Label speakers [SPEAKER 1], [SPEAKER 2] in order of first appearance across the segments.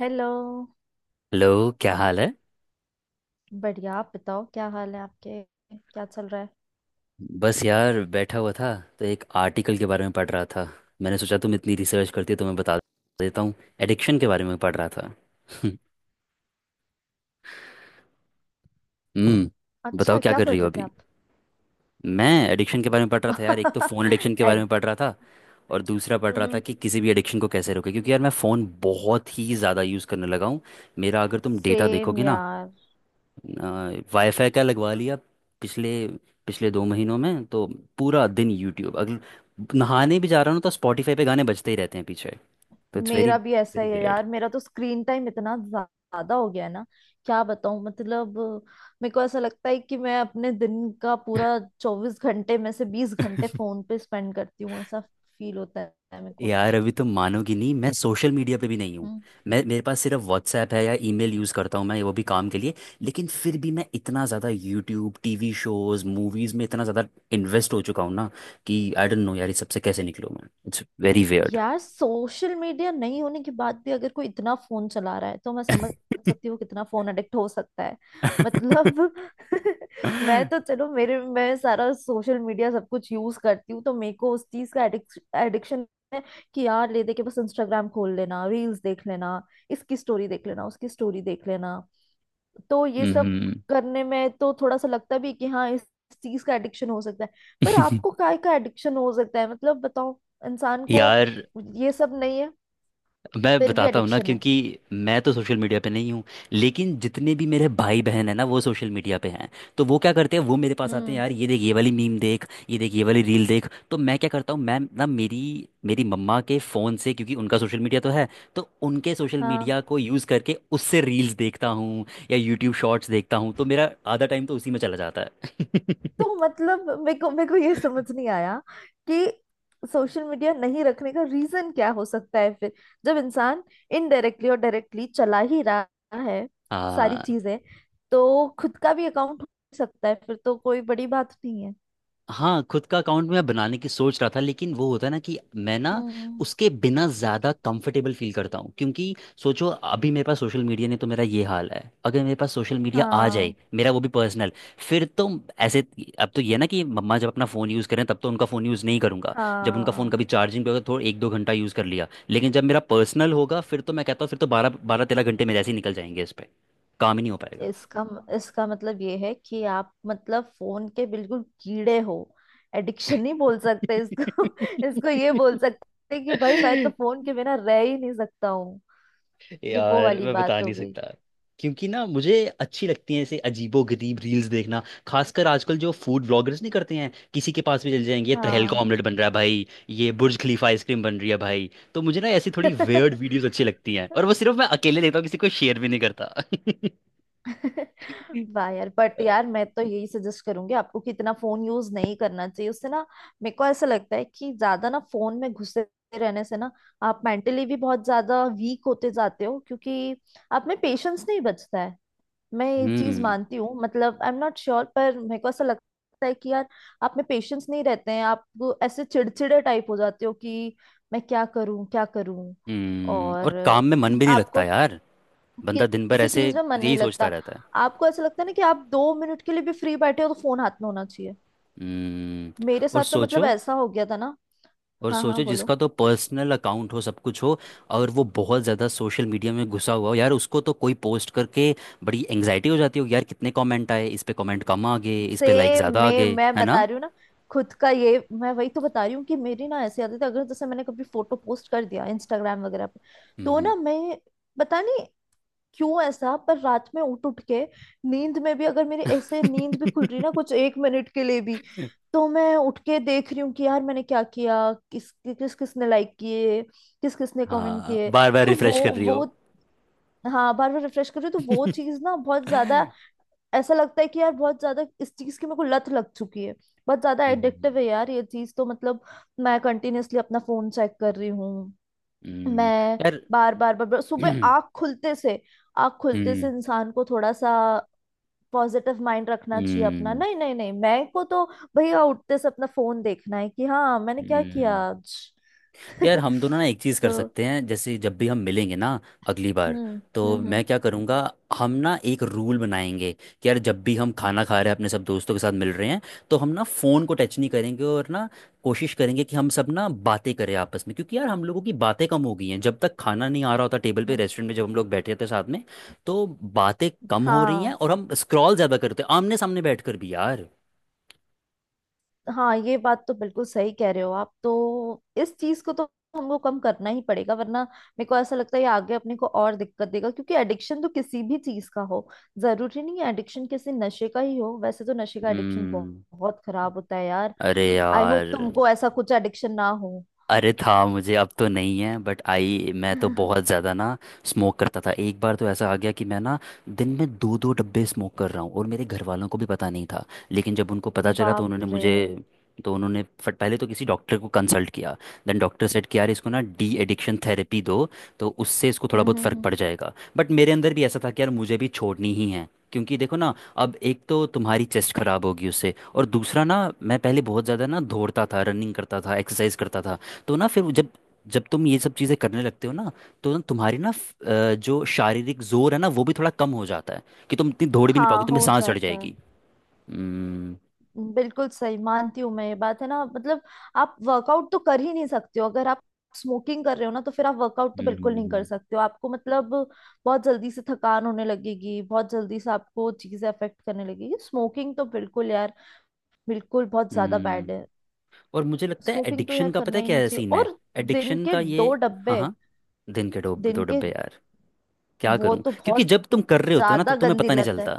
[SPEAKER 1] Hello.
[SPEAKER 2] Hello. क्या हाल है?
[SPEAKER 1] बढ़िया, आप बताओ क्या हाल है आपके? क्या चल रहा है?
[SPEAKER 2] बस यार, बैठा हुआ था। तो एक आर्टिकल के बारे में पढ़ रहा था। मैंने सोचा तुम इतनी रिसर्च करती हो तो मैं बता देता हूँ। एडिक्शन के बारे में पढ़ रहा था। हम्म। बताओ
[SPEAKER 1] अच्छा,
[SPEAKER 2] क्या
[SPEAKER 1] क्या
[SPEAKER 2] कर रही
[SPEAKER 1] पढ़
[SPEAKER 2] हो
[SPEAKER 1] रहे थे
[SPEAKER 2] अभी?
[SPEAKER 1] आप?
[SPEAKER 2] मैं एडिक्शन के बारे में पढ़ रहा था यार। एक तो फ़ोन एडिक्शन के बारे
[SPEAKER 1] एड।
[SPEAKER 2] में पढ़ रहा था, और दूसरा पढ़ रहा था
[SPEAKER 1] हम्म।
[SPEAKER 2] कि किसी भी एडिक्शन को कैसे रोके, क्योंकि यार मैं फ़ोन बहुत ही ज़्यादा यूज़ करने लगा हूँ। मेरा अगर तुम डेटा
[SPEAKER 1] सेम
[SPEAKER 2] देखोगे ना,
[SPEAKER 1] यार,
[SPEAKER 2] वाईफाई का लगवा लिया, पिछले पिछले 2 महीनों में तो पूरा दिन यूट्यूब। अगर नहाने भी जा रहा हूँ तो स्पॉटिफाई पे गाने बजते ही रहते हैं पीछे। तो इट्स वेरी
[SPEAKER 1] मेरा भी ऐसा
[SPEAKER 2] वेरी
[SPEAKER 1] ही है
[SPEAKER 2] वियर्ड।
[SPEAKER 1] यार। मेरा तो स्क्रीन टाइम इतना ज्यादा हो गया है ना। क्या बताऊं, मतलब मेरे को ऐसा लगता है कि मैं अपने दिन का पूरा 24 घंटे में से 20 घंटे फोन पे स्पेंड करती हूँ, ऐसा फील होता है मेरे को।
[SPEAKER 2] यार अभी तो मानोगी नहीं, मैं सोशल मीडिया पे भी नहीं हूँ।
[SPEAKER 1] हम्म।
[SPEAKER 2] मैं मेरे पास सिर्फ व्हाट्सएप है, या ईमेल यूज़ करता हूँ मैं, वो भी काम के लिए। लेकिन फिर भी मैं इतना ज़्यादा यूट्यूब, टीवी शोज़, मूवीज़ में इतना ज़्यादा इन्वेस्ट हो चुका हूँ ना, कि आई डोंट नो यार, इस सबसे कैसे निकलूँ मैं। It's very weird.
[SPEAKER 1] यार सोशल मीडिया नहीं होने के बाद भी अगर कोई इतना फोन चला रहा है तो मैं समझ सकती हूँ कितना फोन एडिक्ट हो सकता है। मतलब मैं तो चलो, मेरे मैं सारा सोशल मीडिया सब कुछ यूज करती हूँ तो मेरे को उस चीज का एडिक्शन है कि यार ले दे के बस इंस्टाग्राम खोल लेना, रील्स देख लेना, इसकी स्टोरी देख लेना, उसकी स्टोरी देख लेना। तो ये सब
[SPEAKER 2] हम्म।
[SPEAKER 1] करने में तो थोड़ा सा लगता भी है कि हाँ, इस चीज का एडिक्शन हो सकता है। पर आपको काय का एडिक्शन हो सकता है, मतलब बताओ, इंसान को
[SPEAKER 2] यार
[SPEAKER 1] ये सब नहीं है
[SPEAKER 2] मैं
[SPEAKER 1] फिर भी
[SPEAKER 2] बताता हूँ ना,
[SPEAKER 1] एडिक्शन है।
[SPEAKER 2] क्योंकि मैं तो सोशल मीडिया पे नहीं हूँ, लेकिन जितने भी मेरे भाई बहन है ना, वो सोशल मीडिया पे हैं। तो वो क्या करते हैं, वो मेरे पास आते हैं,
[SPEAKER 1] हम्म।
[SPEAKER 2] यार ये देख ये वाली मीम देख, ये देख ये वाली रील देख। तो मैं क्या करता हूँ, मैं ना, मेरी मेरी मम्मा के फ़ोन से, क्योंकि उनका सोशल मीडिया तो है, तो उनके सोशल
[SPEAKER 1] हाँ।
[SPEAKER 2] मीडिया को यूज़ करके उससे रील्स देखता हूँ या यूट्यूब शॉर्ट्स देखता हूँ। तो मेरा आधा टाइम तो उसी में चला जाता है।
[SPEAKER 1] तो मतलब मेरे को ये समझ नहीं आया कि सोशल मीडिया नहीं रखने का रीजन क्या हो सकता है फिर, जब इंसान इनडायरेक्टली और डायरेक्टली चला ही रहा है सारी
[SPEAKER 2] हाँ।
[SPEAKER 1] चीजें। तो खुद का भी अकाउंट हो सकता है फिर तो कोई बड़ी बात नहीं है।
[SPEAKER 2] हाँ खुद का अकाउंट मैं बनाने की सोच रहा था, लेकिन वो होता है ना कि मैं ना
[SPEAKER 1] हम्म।
[SPEAKER 2] उसके बिना ज़्यादा कंफर्टेबल फील करता हूँ, क्योंकि सोचो अभी मेरे पास सोशल मीडिया नहीं तो मेरा ये हाल है, अगर मेरे पास सोशल मीडिया आ जाए,
[SPEAKER 1] हाँ
[SPEAKER 2] मेरा वो भी पर्सनल, फिर तो ऐसे। अब तो ये ना कि मम्मा जब अपना फ़ोन यूज़ करें तब तो उनका फ़ोन यूज़ नहीं करूँगा। जब उनका फ़ोन
[SPEAKER 1] हाँ।
[SPEAKER 2] कभी चार्जिंग पे होगा तो थोड़ा एक दो घंटा यूज़ कर लिया, लेकिन जब मेरा पर्सनल होगा, फिर तो मैं कहता हूँ फिर तो बारह बारह तेरह घंटे मेरे ऐसे ही निकल जाएंगे इस पर। काम ही नहीं हो पाएगा।
[SPEAKER 1] इसका इसका मतलब ये है कि आप मतलब फोन के बिल्कुल कीड़े हो। एडिक्शन नहीं बोल सकते इसको इसको ये बोल सकते हैं कि भाई मैं तो फोन के बिना रह ही नहीं सकता हूँ। ये वो
[SPEAKER 2] यार
[SPEAKER 1] वाली
[SPEAKER 2] मैं बता
[SPEAKER 1] बात हो
[SPEAKER 2] नहीं
[SPEAKER 1] गई।
[SPEAKER 2] सकता, क्योंकि ना मुझे अच्छी लगती हैं ऐसे अजीबो गरीब रील्स देखना। खासकर आजकल जो फूड व्लॉगर्स नहीं करते हैं, किसी के पास भी चले जाएंगे, ये तहल का
[SPEAKER 1] हाँ।
[SPEAKER 2] ऑमलेट बन रहा है भाई, ये बुर्ज खलीफा आइसक्रीम बन रही है भाई। तो मुझे ना ऐसी थोड़ी वेयर्ड वीडियोस अच्छी लगती हैं, और वो सिर्फ मैं अकेले देखता हूँ, किसी को शेयर भी नहीं करता।
[SPEAKER 1] वाह यार। बट यार मैं तो यही सजेस्ट करूंगी आपको कि इतना फोन यूज नहीं करना चाहिए। उससे ना मेरे को ऐसा लगता है कि ज्यादा ना फोन में घुसे रहने से ना आप मेंटली भी बहुत ज्यादा वीक होते जाते हो, क्योंकि आप में पेशेंस नहीं बचता है। मैं ये चीज
[SPEAKER 2] हम्म।
[SPEAKER 1] मानती हूँ, मतलब आई एम नॉट श्योर, पर मेरे को ऐसा लगता है कि यार आप में पेशेंस नहीं रहते हैं, आप वो ऐसे चिड़चिड़े टाइप हो जाते हो कि मैं क्या करूं क्या करूं।
[SPEAKER 2] हम्म, और
[SPEAKER 1] और
[SPEAKER 2] काम में मन भी नहीं लगता
[SPEAKER 1] आपको
[SPEAKER 2] यार। बंदा दिन भर
[SPEAKER 1] किसी
[SPEAKER 2] ऐसे
[SPEAKER 1] चीज में मन नहीं
[SPEAKER 2] यही सोचता
[SPEAKER 1] लगता।
[SPEAKER 2] रहता है।
[SPEAKER 1] आपको ऐसा लगता है ना कि आप 2 मिनट के लिए भी फ्री बैठे हो तो फोन हाथ में होना चाहिए।
[SPEAKER 2] हम्म।
[SPEAKER 1] मेरे
[SPEAKER 2] और
[SPEAKER 1] साथ तो मतलब
[SPEAKER 2] सोचो,
[SPEAKER 1] ऐसा हो गया था ना।
[SPEAKER 2] और
[SPEAKER 1] हाँ हाँ
[SPEAKER 2] सोचो
[SPEAKER 1] बोलो।
[SPEAKER 2] जिसका तो पर्सनल अकाउंट हो, सब कुछ हो, और वो बहुत ज़्यादा सोशल मीडिया में घुसा हुआ हो, यार उसको तो कोई पोस्ट करके बड़ी एंग्जाइटी हो जाती होगी यार, कितने कमेंट आए इस पे, कमेंट कम आ गए इस पे, लाइक
[SPEAKER 1] सेम,
[SPEAKER 2] ज़्यादा आ
[SPEAKER 1] मैं
[SPEAKER 2] गए,
[SPEAKER 1] मैं
[SPEAKER 2] है
[SPEAKER 1] बता
[SPEAKER 2] ना?
[SPEAKER 1] रही हूँ ना, खुद का, ये मैं वही तो बता रही हूँ कि मेरी ना ऐसी आदत है, अगर जैसे मैंने कभी फोटो पोस्ट कर दिया इंस्टाग्राम वगैरह पे तो
[SPEAKER 2] हम्म।
[SPEAKER 1] ना मैं पता नहीं क्यों ऐसा, पर रात में उठ उठ के, नींद में भी अगर मेरी ऐसे नींद भी खुल रही है ना कुछ एक मिनट के लिए भी, तो मैं उठ के देख रही हूँ कि यार मैंने क्या किया, किस किस किसने लाइक किए, किस किसने कमेंट
[SPEAKER 2] हाँ
[SPEAKER 1] किए।
[SPEAKER 2] बार बार
[SPEAKER 1] तो वो
[SPEAKER 2] रिफ्रेश कर रही हो।
[SPEAKER 1] वो हाँ, बार बार रिफ्रेश कर रही हूँ, तो वो चीज ना बहुत ज्यादा,
[SPEAKER 2] हम्म,
[SPEAKER 1] ऐसा लगता है कि यार बहुत ज्यादा इस चीज की मेरे को लत लग चुकी है। बहुत ज्यादा एडिक्टिव है यार ये चीज, तो मतलब मैं कंटिन्यूअसली अपना फोन चेक कर रही हूँ।
[SPEAKER 2] हम्म,
[SPEAKER 1] मैं
[SPEAKER 2] यार।
[SPEAKER 1] बार बार बार बार सुबह आँख खुलते से, आँख खुलते से
[SPEAKER 2] हम्म,
[SPEAKER 1] इंसान को थोड़ा सा पॉजिटिव माइंड रखना चाहिए अपना,
[SPEAKER 2] हम्म,
[SPEAKER 1] नहीं नहीं नहीं, मैं को तो भैया उठते से अपना फोन देखना है कि हाँ मैंने क्या किया
[SPEAKER 2] हम्म,
[SPEAKER 1] आज।
[SPEAKER 2] यार हम दोनों ना एक चीज़ कर
[SPEAKER 1] तो
[SPEAKER 2] सकते हैं। जैसे जब भी हम मिलेंगे ना अगली बार,
[SPEAKER 1] हम्म
[SPEAKER 2] तो
[SPEAKER 1] हम्म हम्म,
[SPEAKER 2] मैं क्या करूँगा, हम ना एक रूल बनाएंगे, कि यार जब भी हम खाना खा रहे हैं, अपने सब दोस्तों के साथ मिल रहे हैं, तो हम ना फ़ोन को टच नहीं करेंगे, और ना, कोशिश करेंगे कि हम सब ना बातें करें आपस में, क्योंकि यार हम लोगों की बातें कम हो गई हैं। जब तक खाना नहीं आ रहा होता टेबल पे रेस्टोरेंट में, जब हम लोग बैठे थे साथ में, तो बातें कम हो रही हैं
[SPEAKER 1] हाँ
[SPEAKER 2] और हम स्क्रॉल ज़्यादा करते हैं आमने सामने बैठ कर भी यार।
[SPEAKER 1] हाँ, ये बात तो बिल्कुल सही कह रहे हो आप। तो इस चीज को तो हमको कम करना ही पड़ेगा वरना मेरे को ऐसा लगता है ये आगे अपने को और दिक्कत देगा। क्योंकि एडिक्शन तो किसी भी चीज का हो, जरूरी नहीं है एडिक्शन किसी नशे का ही हो। वैसे तो नशे का एडिक्शन बहुत,
[SPEAKER 2] हम्म।
[SPEAKER 1] बहुत खराब होता है यार।
[SPEAKER 2] अरे
[SPEAKER 1] आई
[SPEAKER 2] यार।
[SPEAKER 1] होप तुमको ऐसा कुछ एडिक्शन ना हो।
[SPEAKER 2] अरे था मुझे, अब तो नहीं है, बट आई मैं तो बहुत ज़्यादा ना स्मोक करता था। एक बार तो ऐसा आ गया कि मैं ना दिन में दो दो डब्बे स्मोक कर रहा हूँ, और मेरे घर वालों को भी पता नहीं था। लेकिन जब उनको पता चला, तो
[SPEAKER 1] बाप
[SPEAKER 2] उन्होंने
[SPEAKER 1] रे।
[SPEAKER 2] मुझे तो उन्होंने फट पहले तो किसी डॉक्टर को कंसल्ट किया। देन डॉक्टर सेट कि यार इसको ना डी एडिक्शन थेरेपी दो, तो उससे इसको थोड़ा बहुत फ़र्क
[SPEAKER 1] हम्म।
[SPEAKER 2] पड़ जाएगा। बट मेरे अंदर भी ऐसा था कि यार मुझे भी छोड़नी ही है, क्योंकि देखो ना, अब एक तो तुम्हारी चेस्ट खराब होगी उससे, और दूसरा ना, मैं पहले बहुत ज़्यादा ना दौड़ता था, रनिंग करता था, एक्सरसाइज करता था, तो ना फिर वो, जब जब तुम ये सब चीज़ें करने लगते हो ना, तो ना तुम्हारी ना जो शारीरिक जोर है ना वो भी थोड़ा कम हो जाता है, कि तुम इतनी दौड़ भी नहीं पाओगे,
[SPEAKER 1] हाँ
[SPEAKER 2] तुम्हें
[SPEAKER 1] हो
[SPEAKER 2] सांस चढ़
[SPEAKER 1] जाता है,
[SPEAKER 2] जाएगी। हम्म।
[SPEAKER 1] बिल्कुल सही मानती हूँ मैं ये बात, है ना? मतलब आप वर्कआउट तो कर ही नहीं सकते हो अगर आप स्मोकिंग कर रहे हो ना, तो फिर आप वर्कआउट तो बिल्कुल नहीं कर
[SPEAKER 2] हम्म।
[SPEAKER 1] सकते हो आपको। मतलब बहुत जल्दी से थकान होने लगेगी, बहुत जल्दी से आपको चीजें अफेक्ट करने लगेगी। स्मोकिंग तो बिल्कुल यार, बिल्कुल बहुत ज्यादा बैड
[SPEAKER 2] हम्म।
[SPEAKER 1] है।
[SPEAKER 2] और मुझे लगता है
[SPEAKER 1] स्मोकिंग तो यार
[SPEAKER 2] एडिक्शन का पता
[SPEAKER 1] करना
[SPEAKER 2] है
[SPEAKER 1] ही नहीं
[SPEAKER 2] क्या
[SPEAKER 1] चाहिए।
[SPEAKER 2] सीन है,
[SPEAKER 1] और दिन
[SPEAKER 2] एडिक्शन
[SPEAKER 1] के
[SPEAKER 2] का ये।
[SPEAKER 1] दो
[SPEAKER 2] हाँ,
[SPEAKER 1] डब्बे,
[SPEAKER 2] हाँ। दिन के दो
[SPEAKER 1] दिन
[SPEAKER 2] दो
[SPEAKER 1] के,
[SPEAKER 2] डब्बे यार, क्या
[SPEAKER 1] वो
[SPEAKER 2] करूं?
[SPEAKER 1] तो
[SPEAKER 2] क्योंकि
[SPEAKER 1] बहुत
[SPEAKER 2] जब तुम कर रहे होते हो ना, तब
[SPEAKER 1] ज्यादा
[SPEAKER 2] तुम्हें
[SPEAKER 1] गंदी
[SPEAKER 2] पता नहीं
[SPEAKER 1] लत है।
[SPEAKER 2] चलता।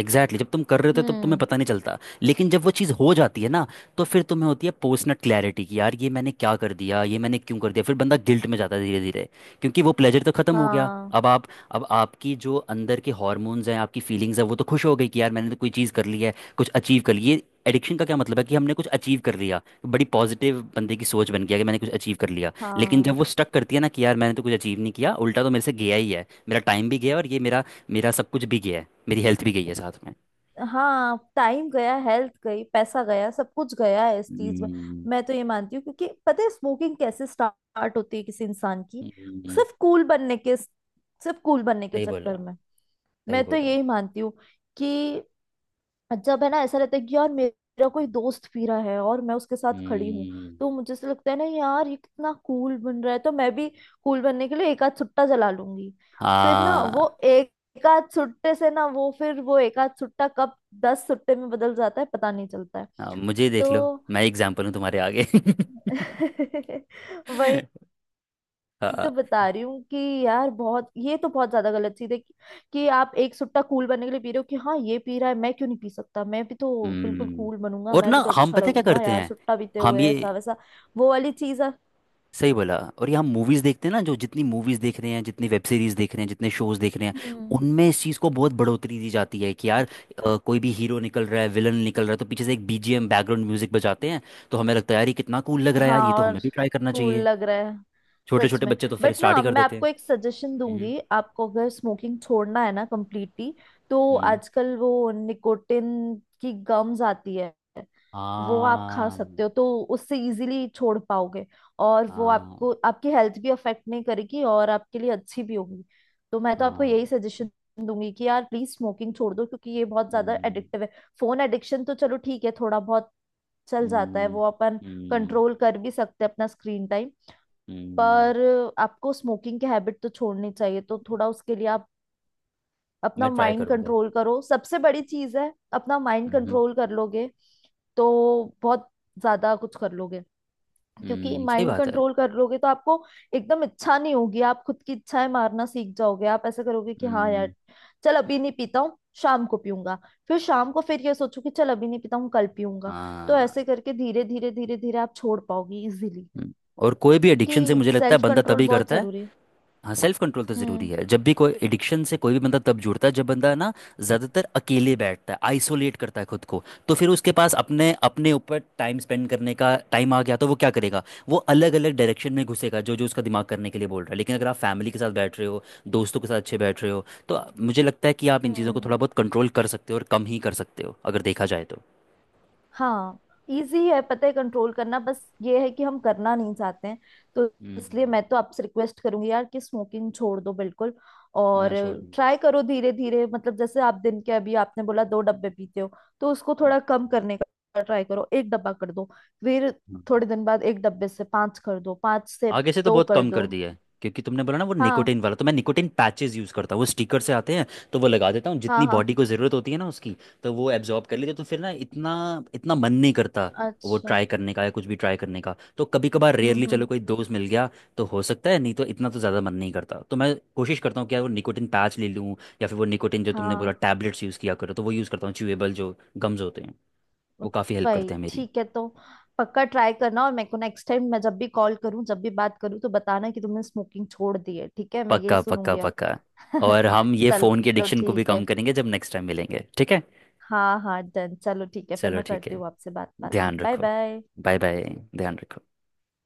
[SPEAKER 2] एग्जैक्टली exactly, जब तुम कर रहे होते हो तब तुम्हें
[SPEAKER 1] हम्म।
[SPEAKER 2] पता नहीं चलता, लेकिन जब वो चीज़ हो जाती है ना, तो फिर तुम्हें होती है पोस्ट नट क्लैरिटी, कि यार ये मैंने क्या कर दिया, ये मैंने क्यों कर दिया। फिर बंदा गिल्ट में जाता है धीरे धीरे, क्योंकि वो प्लेजर तो खत्म हो गया।
[SPEAKER 1] हाँ
[SPEAKER 2] अब आप अब आपकी जो अंदर के हॉर्मोन्स हैं, आपकी फीलिंग्स हैं, वो तो खुश हो गई कि यार मैंने तो कोई चीज़ कर ली है, कुछ अचीव कर ली। ये एडिक्शन का क्या मतलब है, कि हमने कुछ अचीव कर लिया, बड़ी पॉजिटिव बंदे की सोच बन गया कि मैंने कुछ अचीव कर लिया। लेकिन जब
[SPEAKER 1] हाँ।
[SPEAKER 2] वो स्टक करती है ना, कि यार मैंने तो कुछ अचीव नहीं किया, उल्टा तो मेरे से गया ही है, मेरा टाइम भी गया, और ये मेरा मेरा सब कुछ भी गया है, मेरी हेल्थ भी गई है साथ में।
[SPEAKER 1] हाँ, टाइम गया, हेल्थ गई, पैसा गया, सब कुछ गया है इस चीज में।
[SPEAKER 2] हम्म,
[SPEAKER 1] मैं तो ये मानती हूँ, क्योंकि पता है स्मोकिंग कैसे स्टार्ट होती है किसी इंसान की?
[SPEAKER 2] हम्म,
[SPEAKER 1] सिर्फ कूल बनने के, सिर्फ कूल बनने के
[SPEAKER 2] सही बोला,
[SPEAKER 1] चक्कर में।
[SPEAKER 2] सही
[SPEAKER 1] मैं तो
[SPEAKER 2] बोला।
[SPEAKER 1] यही मानती हूँ कि जब है ना ऐसा रहता है कि यार मेरा कोई दोस्त पी रहा है और मैं उसके साथ खड़ी हूँ,
[SPEAKER 2] हम्म।
[SPEAKER 1] तो मुझे से लगता है ना यार ये कितना कूल बन रहा है, तो मैं भी कूल बनने के लिए एक आध सुट्टा जला लूंगी। फिर ना वो
[SPEAKER 2] हाँ,
[SPEAKER 1] एक एक आध सुट्टे से ना वो फिर वो एक आध सुट्टा कब 10 सुट्टे में बदल जाता है पता नहीं चलता है।
[SPEAKER 2] हाँ, मुझे देख लो,
[SPEAKER 1] तो
[SPEAKER 2] मैं एग्जाम्पल हूँ तुम्हारे आगे।
[SPEAKER 1] वही, एक
[SPEAKER 2] हाँ।
[SPEAKER 1] तो बता रही हूँ कि यार बहुत, ये तो बहुत ज्यादा गलत चीज है कि आप एक सुट्टा कूल बनने के लिए पी रहे हो कि हाँ ये पी रहा है मैं क्यों नहीं पी सकता, मैं भी तो बिल्कुल
[SPEAKER 2] हम्म।
[SPEAKER 1] कूल बनूंगा,
[SPEAKER 2] और
[SPEAKER 1] मैं
[SPEAKER 2] ना
[SPEAKER 1] भी तो
[SPEAKER 2] हम
[SPEAKER 1] अच्छा
[SPEAKER 2] पता है क्या
[SPEAKER 1] लगूंगा
[SPEAKER 2] करते
[SPEAKER 1] यार
[SPEAKER 2] हैं,
[SPEAKER 1] सुट्टा पीते
[SPEAKER 2] हम
[SPEAKER 1] हुए
[SPEAKER 2] ये,
[SPEAKER 1] ऐसा वैसा। वो वाली चीज है।
[SPEAKER 2] सही बोला। और ये हम मूवीज देखते हैं ना, जो जितनी मूवीज देख रहे हैं, जितनी वेब सीरीज देख रहे हैं, जितने शोज देख रहे हैं,
[SPEAKER 1] हम्म।
[SPEAKER 2] उनमें इस चीज को बहुत बढ़ोतरी दी जाती है, कि यार कोई भी हीरो निकल रहा है, विलन निकल रहा है, तो पीछे से एक बीजीएम बैकग्राउंड म्यूजिक बजाते हैं, तो हमें लगता है यार ये कितना कूल लग रहा है,
[SPEAKER 1] हाँ।
[SPEAKER 2] यार ये तो
[SPEAKER 1] और
[SPEAKER 2] हमें भी ट्राई करना
[SPEAKER 1] कूल
[SPEAKER 2] चाहिए।
[SPEAKER 1] लग रहा है।
[SPEAKER 2] छोटे
[SPEAKER 1] सच
[SPEAKER 2] छोटे
[SPEAKER 1] में।
[SPEAKER 2] बच्चे तो फिर
[SPEAKER 1] बट
[SPEAKER 2] स्टार्ट
[SPEAKER 1] ना
[SPEAKER 2] ही कर
[SPEAKER 1] मैं
[SPEAKER 2] देते
[SPEAKER 1] आपको
[SPEAKER 2] हैं।
[SPEAKER 1] एक सजेशन
[SPEAKER 2] हम्म।
[SPEAKER 1] दूंगी, आपको अगर स्मोकिंग छोड़ना है ना कम्प्लीटली, तो
[SPEAKER 2] हम्म।
[SPEAKER 1] आजकल वो निकोटिन की गम्स आती है, वो आप खा
[SPEAKER 2] हाँ,
[SPEAKER 1] सकते हो। तो उससे इजीली छोड़ पाओगे, और वो
[SPEAKER 2] हाँ,
[SPEAKER 1] आपको, आपकी हेल्थ भी अफेक्ट नहीं करेगी और आपके लिए अच्छी भी होगी। तो मैं तो आपको
[SPEAKER 2] हाँ।
[SPEAKER 1] यही सजेशन दूंगी कि यार प्लीज स्मोकिंग छोड़ दो, क्योंकि ये बहुत ज्यादा
[SPEAKER 2] हम्म,
[SPEAKER 1] एडिक्टिव है। फोन एडिक्शन तो चलो ठीक है, थोड़ा बहुत चल जाता है,
[SPEAKER 2] हम्म,
[SPEAKER 1] वो अपन
[SPEAKER 2] हम्म,
[SPEAKER 1] कंट्रोल कर भी सकते हैं अपना स्क्रीन टाइम।
[SPEAKER 2] हम्म।
[SPEAKER 1] पर आपको स्मोकिंग की हैबिट तो छोड़नी चाहिए। तो थोड़ा उसके लिए आप अपना
[SPEAKER 2] मैं ट्राई
[SPEAKER 1] माइंड
[SPEAKER 2] करूंगा।
[SPEAKER 1] कंट्रोल करो, सबसे बड़ी चीज है, अपना माइंड
[SPEAKER 2] हम्म।
[SPEAKER 1] कंट्रोल कर लोगे तो बहुत ज्यादा कुछ कर लोगे। क्योंकि
[SPEAKER 2] सही
[SPEAKER 1] माइंड
[SPEAKER 2] बात है।
[SPEAKER 1] कंट्रोल कर लोगे तो आपको एकदम इच्छा नहीं होगी, आप खुद की इच्छाएं मारना सीख जाओगे। आप ऐसा करोगे कि हाँ
[SPEAKER 2] हम्म।
[SPEAKER 1] यार चल अभी नहीं पीता हूँ, शाम को पीऊंगा। फिर शाम को फिर ये सोचो कि चल अभी नहीं पीता हूँ, कल पीऊंगा। तो
[SPEAKER 2] हाँ।
[SPEAKER 1] ऐसे करके धीरे धीरे धीरे धीरे आप छोड़ पाओगे इजिली।
[SPEAKER 2] हम्म। और कोई भी एडिक्शन से
[SPEAKER 1] क्योंकि
[SPEAKER 2] मुझे लगता है
[SPEAKER 1] सेल्फ
[SPEAKER 2] बंदा
[SPEAKER 1] कंट्रोल
[SPEAKER 2] तभी
[SPEAKER 1] बहुत
[SPEAKER 2] करता है।
[SPEAKER 1] जरूरी है।
[SPEAKER 2] हाँ सेल्फ कंट्रोल तो ज़रूरी
[SPEAKER 1] हम्म
[SPEAKER 2] है। जब भी कोई एडिक्शन से कोई भी बंदा तब जुड़ता है, जब बंदा ना ज़्यादातर अकेले बैठता है, आइसोलेट करता है खुद को। तो फिर उसके पास अपने अपने ऊपर टाइम स्पेंड करने का टाइम आ गया, तो वो क्या करेगा, वो अलग अलग डायरेक्शन में घुसेगा, जो जो उसका दिमाग करने के लिए बोल रहा है। लेकिन अगर आप फैमिली के साथ बैठ रहे हो, दोस्तों के साथ अच्छे बैठ रहे हो, तो मुझे लगता है कि आप इन चीज़ों को थोड़ा
[SPEAKER 1] हम्म।
[SPEAKER 2] बहुत कंट्रोल कर सकते हो, और कम ही कर सकते हो, अगर देखा जाए तो।
[SPEAKER 1] हाँ, इजी है पता है कंट्रोल करना, बस ये है कि हम करना नहीं चाहते हैं। तो इसलिए
[SPEAKER 2] हम्म।
[SPEAKER 1] मैं तो आपसे रिक्वेस्ट करूंगी यार कि स्मोकिंग छोड़ दो बिल्कुल। और
[SPEAKER 2] मैं छोड़ दूंगा।
[SPEAKER 1] ट्राई करो धीरे धीरे, मतलब जैसे आप दिन के, अभी आपने बोला दो डब्बे पीते हो, तो उसको थोड़ा कम करने का ट्राई करो, एक डब्बा कर दो। फिर थोड़े
[SPEAKER 2] हाँ,
[SPEAKER 1] दिन बाद एक डब्बे से पांच कर दो, पांच से
[SPEAKER 2] आगे से तो
[SPEAKER 1] दो
[SPEAKER 2] बहुत
[SPEAKER 1] कर
[SPEAKER 2] कम कर
[SPEAKER 1] दो।
[SPEAKER 2] दिया है, क्योंकि तुमने बोला ना वो
[SPEAKER 1] हाँ
[SPEAKER 2] निकोटिन वाला, तो मैं निकोटिन पैचेस यूज़ करता हूँ, वो स्टिकर से आते हैं, तो वो लगा देता हूँ,
[SPEAKER 1] हाँ
[SPEAKER 2] जितनी
[SPEAKER 1] हाँ।
[SPEAKER 2] बॉडी को ज़रूरत होती है ना उसकी, तो वो एब्जॉर्ब कर लेती है, तो फिर ना इतना इतना मन नहीं करता वो
[SPEAKER 1] अच्छा।
[SPEAKER 2] ट्राई करने का या कुछ भी ट्राई करने का। तो कभी कभार, रेयरली,
[SPEAKER 1] हम्म।
[SPEAKER 2] चलो कोई दोस्त मिल गया तो हो सकता है, नहीं तो इतना तो ज़्यादा मन नहीं करता। तो मैं कोशिश करता हूँ कि यार वो निकोटिन पैच ले लूँ, या फिर वो निकोटिन जो तुमने
[SPEAKER 1] हाँ
[SPEAKER 2] बोला टैबलेट्स यूज़ किया करो, तो वो यूज़ करता हूँ च्यूएबल जो गम्स होते हैं, वो काफ़ी हेल्प
[SPEAKER 1] वही
[SPEAKER 2] करते हैं मेरी।
[SPEAKER 1] ठीक है तो, पक्का ट्राई करना। और मेरे को नेक्स्ट टाइम, मैं जब भी कॉल करूं, जब भी बात करूं तो बताना कि तुमने स्मोकिंग छोड़ दी है, ठीक है? मैं यही
[SPEAKER 2] पक्का, पक्का,
[SPEAKER 1] सुनूंगी अब।
[SPEAKER 2] पक्का। और हम ये फोन की
[SPEAKER 1] चलो
[SPEAKER 2] एडिक्शन को भी
[SPEAKER 1] ठीक
[SPEAKER 2] कम
[SPEAKER 1] है।
[SPEAKER 2] करेंगे जब नेक्स्ट टाइम मिलेंगे, ठीक है?
[SPEAKER 1] हाँ हाँ डन, चलो ठीक है फिर,
[SPEAKER 2] चलो
[SPEAKER 1] मैं
[SPEAKER 2] ठीक
[SPEAKER 1] करती
[SPEAKER 2] है।
[SPEAKER 1] हूँ आपसे बात बाद में।
[SPEAKER 2] ध्यान
[SPEAKER 1] बाय
[SPEAKER 2] रखो।
[SPEAKER 1] बाय।
[SPEAKER 2] Bye bye. ध्यान रखो।